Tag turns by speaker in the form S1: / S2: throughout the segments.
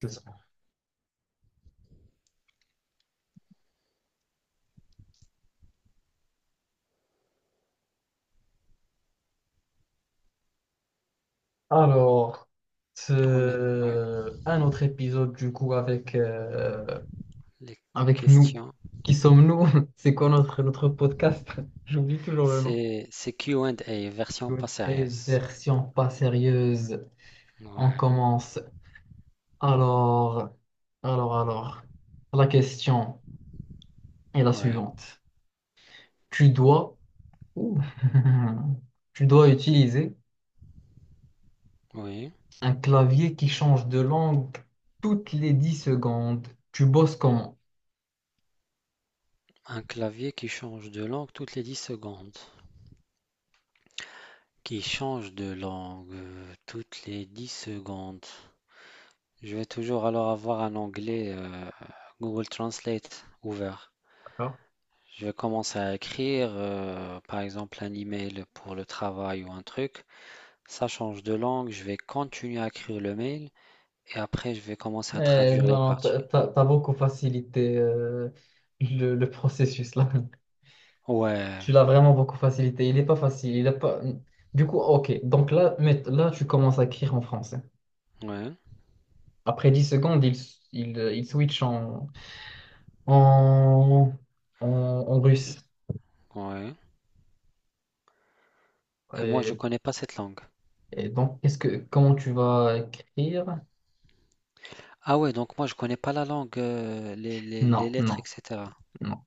S1: C'est ça. Alors, c'est
S2: Ouais,
S1: un autre épisode du coup avec,
S2: les
S1: avec nous.
S2: questions.
S1: Qui sommes-nous? C'est quoi notre podcast? J'oublie toujours le nom.
S2: C'est Q and A version
S1: Oui.
S2: pas
S1: Et
S2: sérieuse.
S1: version pas sérieuse, on
S2: Ouais,
S1: commence. Alors, alors, la question est la
S2: ouais,
S1: suivante. Tu dois, Ouh. Tu dois utiliser
S2: oui.
S1: un clavier qui change de langue toutes les 10 secondes. Tu bosses comment?
S2: Un clavier qui change de langue toutes les 10 secondes. Qui change de langue toutes les 10 secondes. Je vais toujours alors avoir un onglet Google Translate ouvert.
S1: D'accord.
S2: Je vais commencer à écrire, par exemple, un email pour le travail ou un truc. Ça change de langue, je vais continuer à écrire le mail. Et après, je vais commencer à traduire les
S1: Non,
S2: parties.
S1: t'as beaucoup facilité le processus là. Tu
S2: Ouais,
S1: l'as vraiment beaucoup facilité. Il n'est pas facile. Il est pas... Du coup, ok. Donc là, tu commences à écrire en français.
S2: ouais,
S1: Après 10 secondes, il switch en, en russe.
S2: ouais. Et moi, je
S1: Et,
S2: connais pas cette langue.
S1: et donc, comment tu vas écrire?
S2: Ah ouais, donc moi, je connais pas la langue, les, les
S1: Non,
S2: lettres,
S1: non,
S2: etc.
S1: non.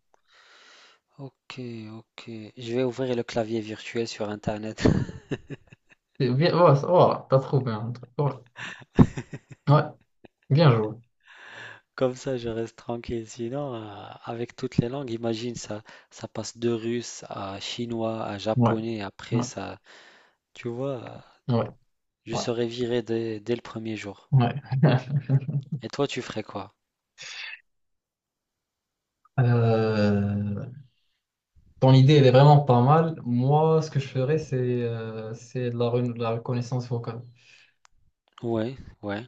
S2: Ok, ok. Je vais ouvrir le clavier virtuel sur Internet.
S1: Voilà, voilà, t'as trouvé un truc. Voilà. Ouais, bien joué.
S2: Comme ça, je reste tranquille. Sinon, avec toutes les langues, imagine ça, ça passe de russe à chinois à
S1: Ouais,
S2: japonais. Après,
S1: ouais,
S2: ça, tu vois,
S1: ouais,
S2: je serais viré dès le premier jour.
S1: ouais, ouais.
S2: Et toi, tu ferais quoi?
S1: Euh, Ton idée, elle est vraiment pas mal. Moi, ce que je ferais, c'est de la reconnaissance vocale.
S2: Ouais, ouais.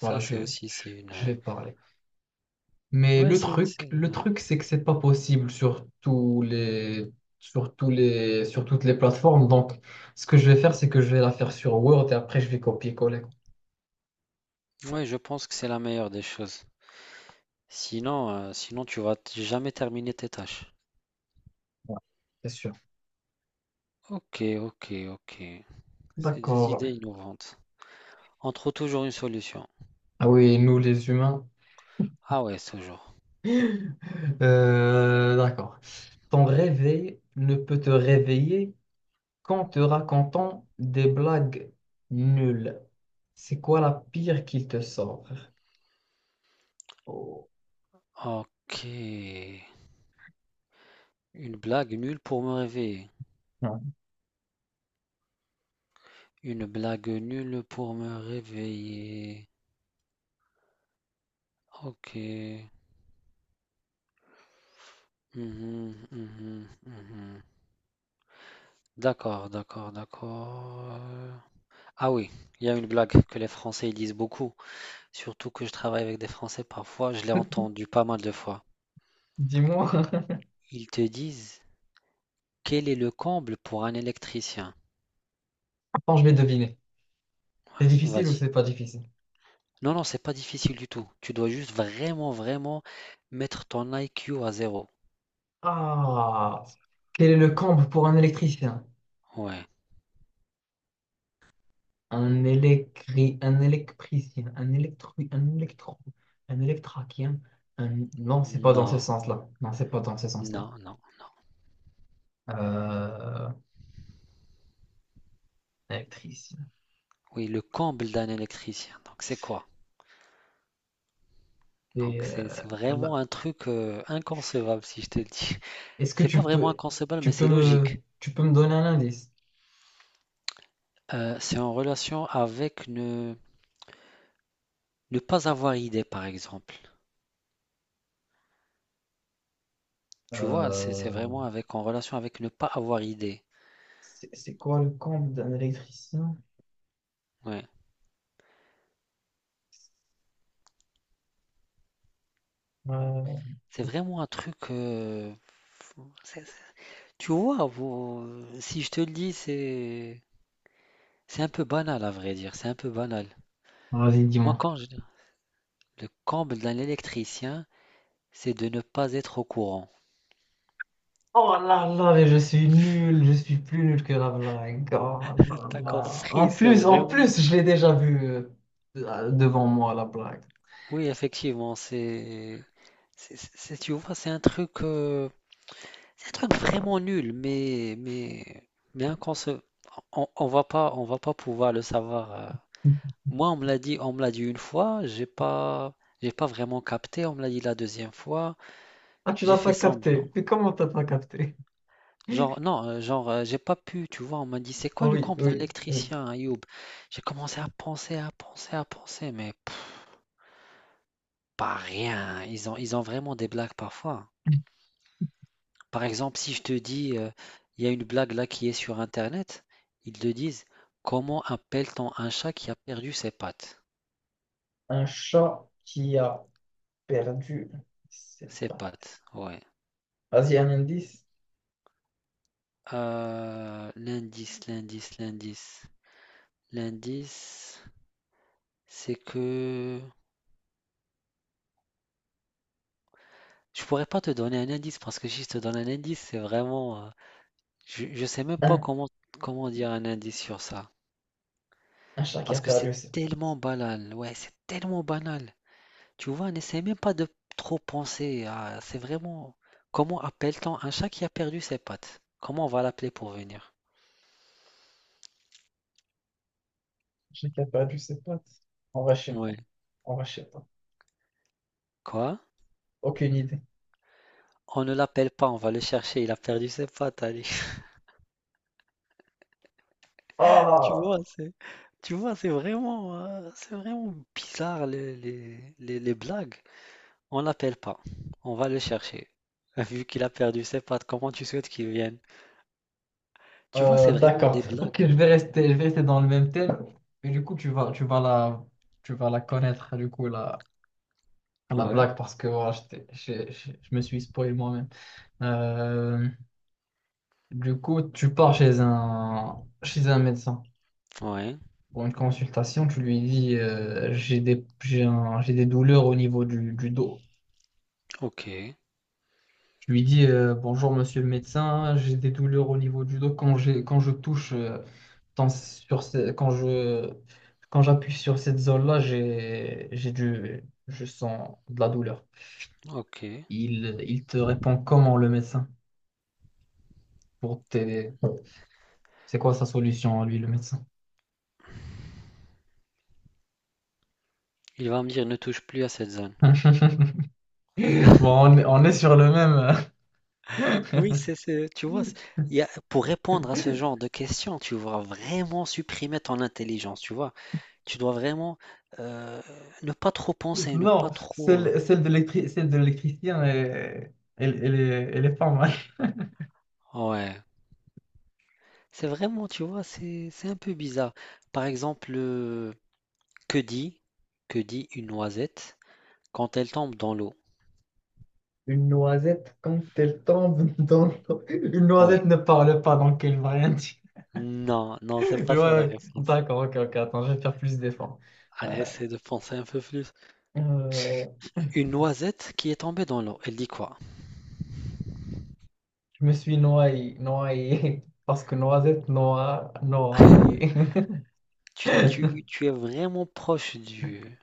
S1: Voilà,
S2: c'est aussi, c'est une.
S1: je vais parler. Mais
S2: Ouais,
S1: le
S2: ouais.
S1: truc, c'est que c'est pas possible sur sur toutes les plateformes. Donc, ce que je vais faire, c'est que je vais la faire sur Word et après, je vais copier-coller.
S2: Ouais, je pense que c'est la meilleure des choses. Sinon, sinon tu vas jamais terminer tes tâches.
S1: Ouais, c'est sûr.
S2: Ok, ok, ok. C'est des idées
S1: D'accord.
S2: innovantes. On trouve toujours une solution.
S1: Ah oui, nous, les humains.
S2: Ah ouais, toujours.
S1: D'accord. Ton réveil ne peut te réveiller quand te racontant des blagues nulles, c'est quoi la pire qu'il te sort? Oh.
S2: Ok. Une blague nulle pour me réveiller.
S1: Ouais.
S2: Une blague nulle pour me réveiller. Ok. Mhm, mhm, mhm. D'accord, d'accord, d'accord. Ah oui, il y a une blague que les Français ils disent beaucoup. Surtout que je travaille avec des Français parfois, je l'ai entendu pas mal de fois.
S1: Dis-moi.
S2: Ils te disent, quel est le comble pour un électricien?
S1: Attends, je vais deviner. C'est difficile ou
S2: Vas-y.
S1: c'est pas difficile?
S2: Non, non, c'est pas difficile du tout. Tu dois juste vraiment, vraiment mettre ton I. Q. à zéro.
S1: Ah, quel est le comble pour un électricien?
S2: Ouais.
S1: Un électricien, un électraquien. Un... Non, c'est pas dans ce
S2: Non,
S1: sens-là. Non, c'est pas dans ce sens-là.
S2: non, non.
S1: Euh, électricien.
S2: Oui, le comble d'un électricien. Donc, c'est quoi?
S1: Et,
S2: Donc, c'est
S1: là.
S2: vraiment un truc inconcevable, si je te le dis.
S1: Est-ce que
S2: C'est pas vraiment inconcevable, mais
S1: tu peux
S2: c'est
S1: me,
S2: logique.
S1: tu peux me donner un indice?
S2: C'est en relation avec ne, ne pas avoir idée, par exemple. Tu vois, c'est
S1: Euh,
S2: vraiment avec en relation avec ne pas avoir idée.
S1: c'est quoi le compte d'un électricien?
S2: Ouais.
S1: Euh,
S2: C'est vraiment un truc. C'est- c'est- tu vois, si je te le dis, c'est un peu banal à vrai dire. C'est un peu banal.
S1: vas-y,
S2: Moi,
S1: dis-moi.
S2: quand je, le comble d'un électricien, c'est de ne pas être au courant.
S1: Oh là là, mais je suis nul, je suis plus nul que la blague. Oh là
S2: T'as
S1: là.
S2: compris, c'est
S1: En
S2: vraiment.
S1: plus, je l'ai déjà vu devant moi, la blague.
S2: Oui, effectivement, tu vois, c'est un truc vraiment nul, mais on va pas pouvoir le savoir. Moi, on me l'a dit une fois, j'ai pas vraiment capté. On me l'a dit la deuxième fois,
S1: Ah, tu
S2: j'ai
S1: l'as
S2: fait
S1: pas
S2: semblant.
S1: capté. Mais comment t'as pas capté?
S2: Genre, non, genre, j'ai pas pu, tu vois. On m'a dit, c'est quoi
S1: Bon.
S2: le
S1: Oui,
S2: compte de
S1: oui, oui.
S2: l'électricien, Ayoub? J'ai commencé à penser, à penser, à penser, mais pff, pas rien. Hein. Ils ont vraiment des blagues parfois. Hein. Par exemple, si je te dis, il y a une blague là qui est sur Internet, ils te disent, comment appelle-t-on un chat qui a perdu ses pattes?
S1: Un chat qui a perdu ses
S2: Ses
S1: pattes.
S2: pattes, ouais.
S1: Vas-y, un indice.
S2: L'indice. L'indice, c'est que je pourrais pas te donner un indice parce que si je te donne un indice, c'est vraiment, je sais même pas
S1: Un,
S2: comment comment dire un indice sur ça
S1: un chat qui a
S2: parce que c'est
S1: perdu ses
S2: tellement
S1: pattes.
S2: banal. Ouais, c'est tellement banal. Tu vois, n'essaie même pas de trop penser à, c'est vraiment comment appelle-t-on un chat qui a perdu ses pattes? Comment on va l'appeler pour venir?
S1: Un chat qui a perdu ses pattes. On va chez
S2: Ouais.
S1: toi. On va chez
S2: Quoi?
S1: Aucune idée.
S2: On ne l'appelle pas, on va le chercher. Il a perdu ses pattes, allez. Tu vois,
S1: Ah,
S2: tu vois, c'est vraiment bizarre les, les blagues. On l'appelle pas. On va le chercher. Vu qu'il a perdu ses pattes, comment tu souhaites qu'il vienne? Tu vois, c'est vraiment
S1: d'accord.
S2: des
S1: Ok,
S2: blagues.
S1: je vais rester dans le même thème. Mais du coup, tu vas la connaître, du coup, la
S2: Ouais,
S1: blague, parce que voilà, je, t'ai- je me suis spoilé moi-même. Euh, du coup, tu pars chez chez un médecin
S2: ouais,
S1: pour une consultation. Tu lui dis, j'ai des douleurs au niveau du dos.
S2: ok,
S1: Je lui dis bonjour monsieur le médecin, j'ai des douleurs au niveau du dos quand je touche dans- sur ce- quand je quand j'appuie sur cette zone-là, j'ai du je sens de la douleur.
S2: ok.
S1: Il te répond comment le médecin pour t'aider. C'est quoi sa solution à lui le médecin?
S2: Il va me dire ne touche plus à cette zone.
S1: Bon, on est sur le même.
S2: Oui, tu vois, pour répondre à ce genre de questions, tu dois vraiment supprimer ton intelligence, tu vois. Tu dois vraiment euh, ne pas trop penser, ne pas
S1: Non,
S2: trop. Euh,
S1: celle de l'électricien, elle est pas mal.
S2: ouais, c'est vraiment, tu vois, c'est un peu bizarre. Par exemple, que dit, que dit une noisette quand elle tombe dans l'eau?
S1: Une noisette, quand elle tombe dans l'eau, une
S2: Ouais.
S1: noisette ne parle pas, donc elle va rien dire.
S2: Non, non, c'est
S1: Ouais,
S2: pas ça la
S1: ouais.
S2: réponse.
S1: D'accord, ok, ok, attends, je vais faire plus d'efforts.
S2: Allez,
S1: Euh,
S2: essaie de penser un peu plus.
S1: euh,
S2: Une noisette qui est tombée dans l'eau, elle dit quoi?
S1: je me suis noyé, noyé, parce que noisette, noie, noyé.
S2: Tu es vraiment proche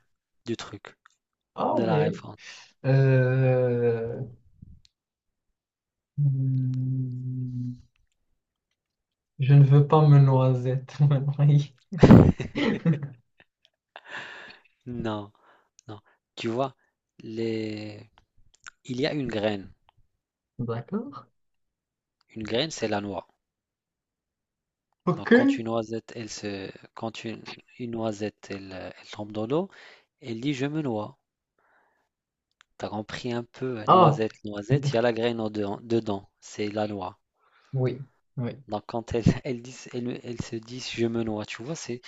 S2: du truc,
S1: Ah
S2: de la
S1: ouais.
S2: réponse.
S1: Euh, hmm, je ne veux pas me noisette, me noyer.
S2: Non, non. Tu vois, les... il y a une graine.
S1: D'accord.
S2: Une graine, c'est la noix. Donc,
S1: Ok.
S2: quand une noisette, elle, elle tombe dans l'eau, elle dit je me noie. T'as compris un peu,
S1: Ah,
S2: noisette, noisette, il y a la graine en dedans, dedans, c'est la noix.
S1: oui, oui.
S2: Donc, quand elle, elle dit, elle se dit je me noie, tu vois,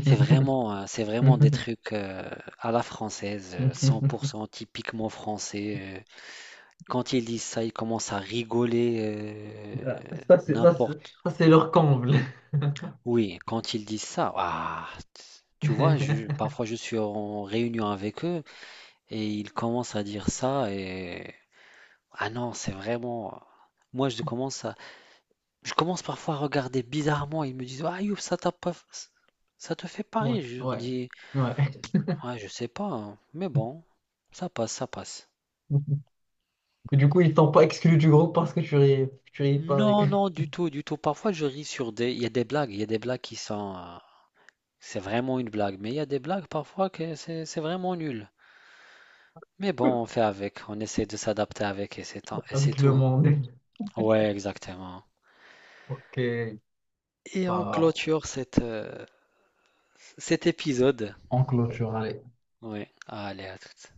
S2: c'est vraiment des trucs à la française, 100% typiquement français. Euh. Quand ils disent ça, ils commencent à rigoler euh,
S1: Ah, ça,
S2: n'importe.
S1: c'est leur comble.
S2: Oui, quand ils disent ça, ah, tu vois, parfois je suis en réunion avec eux et ils commencent à dire ça et ah non, c'est vraiment. Moi, je commence à, je commence parfois à regarder bizarrement. Ils me disent, ah Youp, ça t'a pas, ça te fait
S1: Ouais,
S2: pareil. Je leur
S1: ouais,
S2: dis,
S1: ouais.
S2: ouais, je sais pas, hein, mais bon, ça passe, ça passe.
S1: Et du coup, ils t'ont pas exclu du groupe parce que tu riais pas avec,
S2: Non, non, du tout, du tout. Parfois, je ris sur des, il y a des blagues, il y a des blagues qui sont, c'est vraiment une blague, mais il y a des blagues parfois que c'est vraiment nul. Mais bon, on fait avec, on essaie de s'adapter avec et c'est
S1: avec le
S2: tout, hein.
S1: monde.
S2: Ouais, exactement.
S1: Ok,
S2: Et on
S1: bah,
S2: clôture cette, cet épisode.
S1: on clôture.
S2: Ouais, allez, à toutes.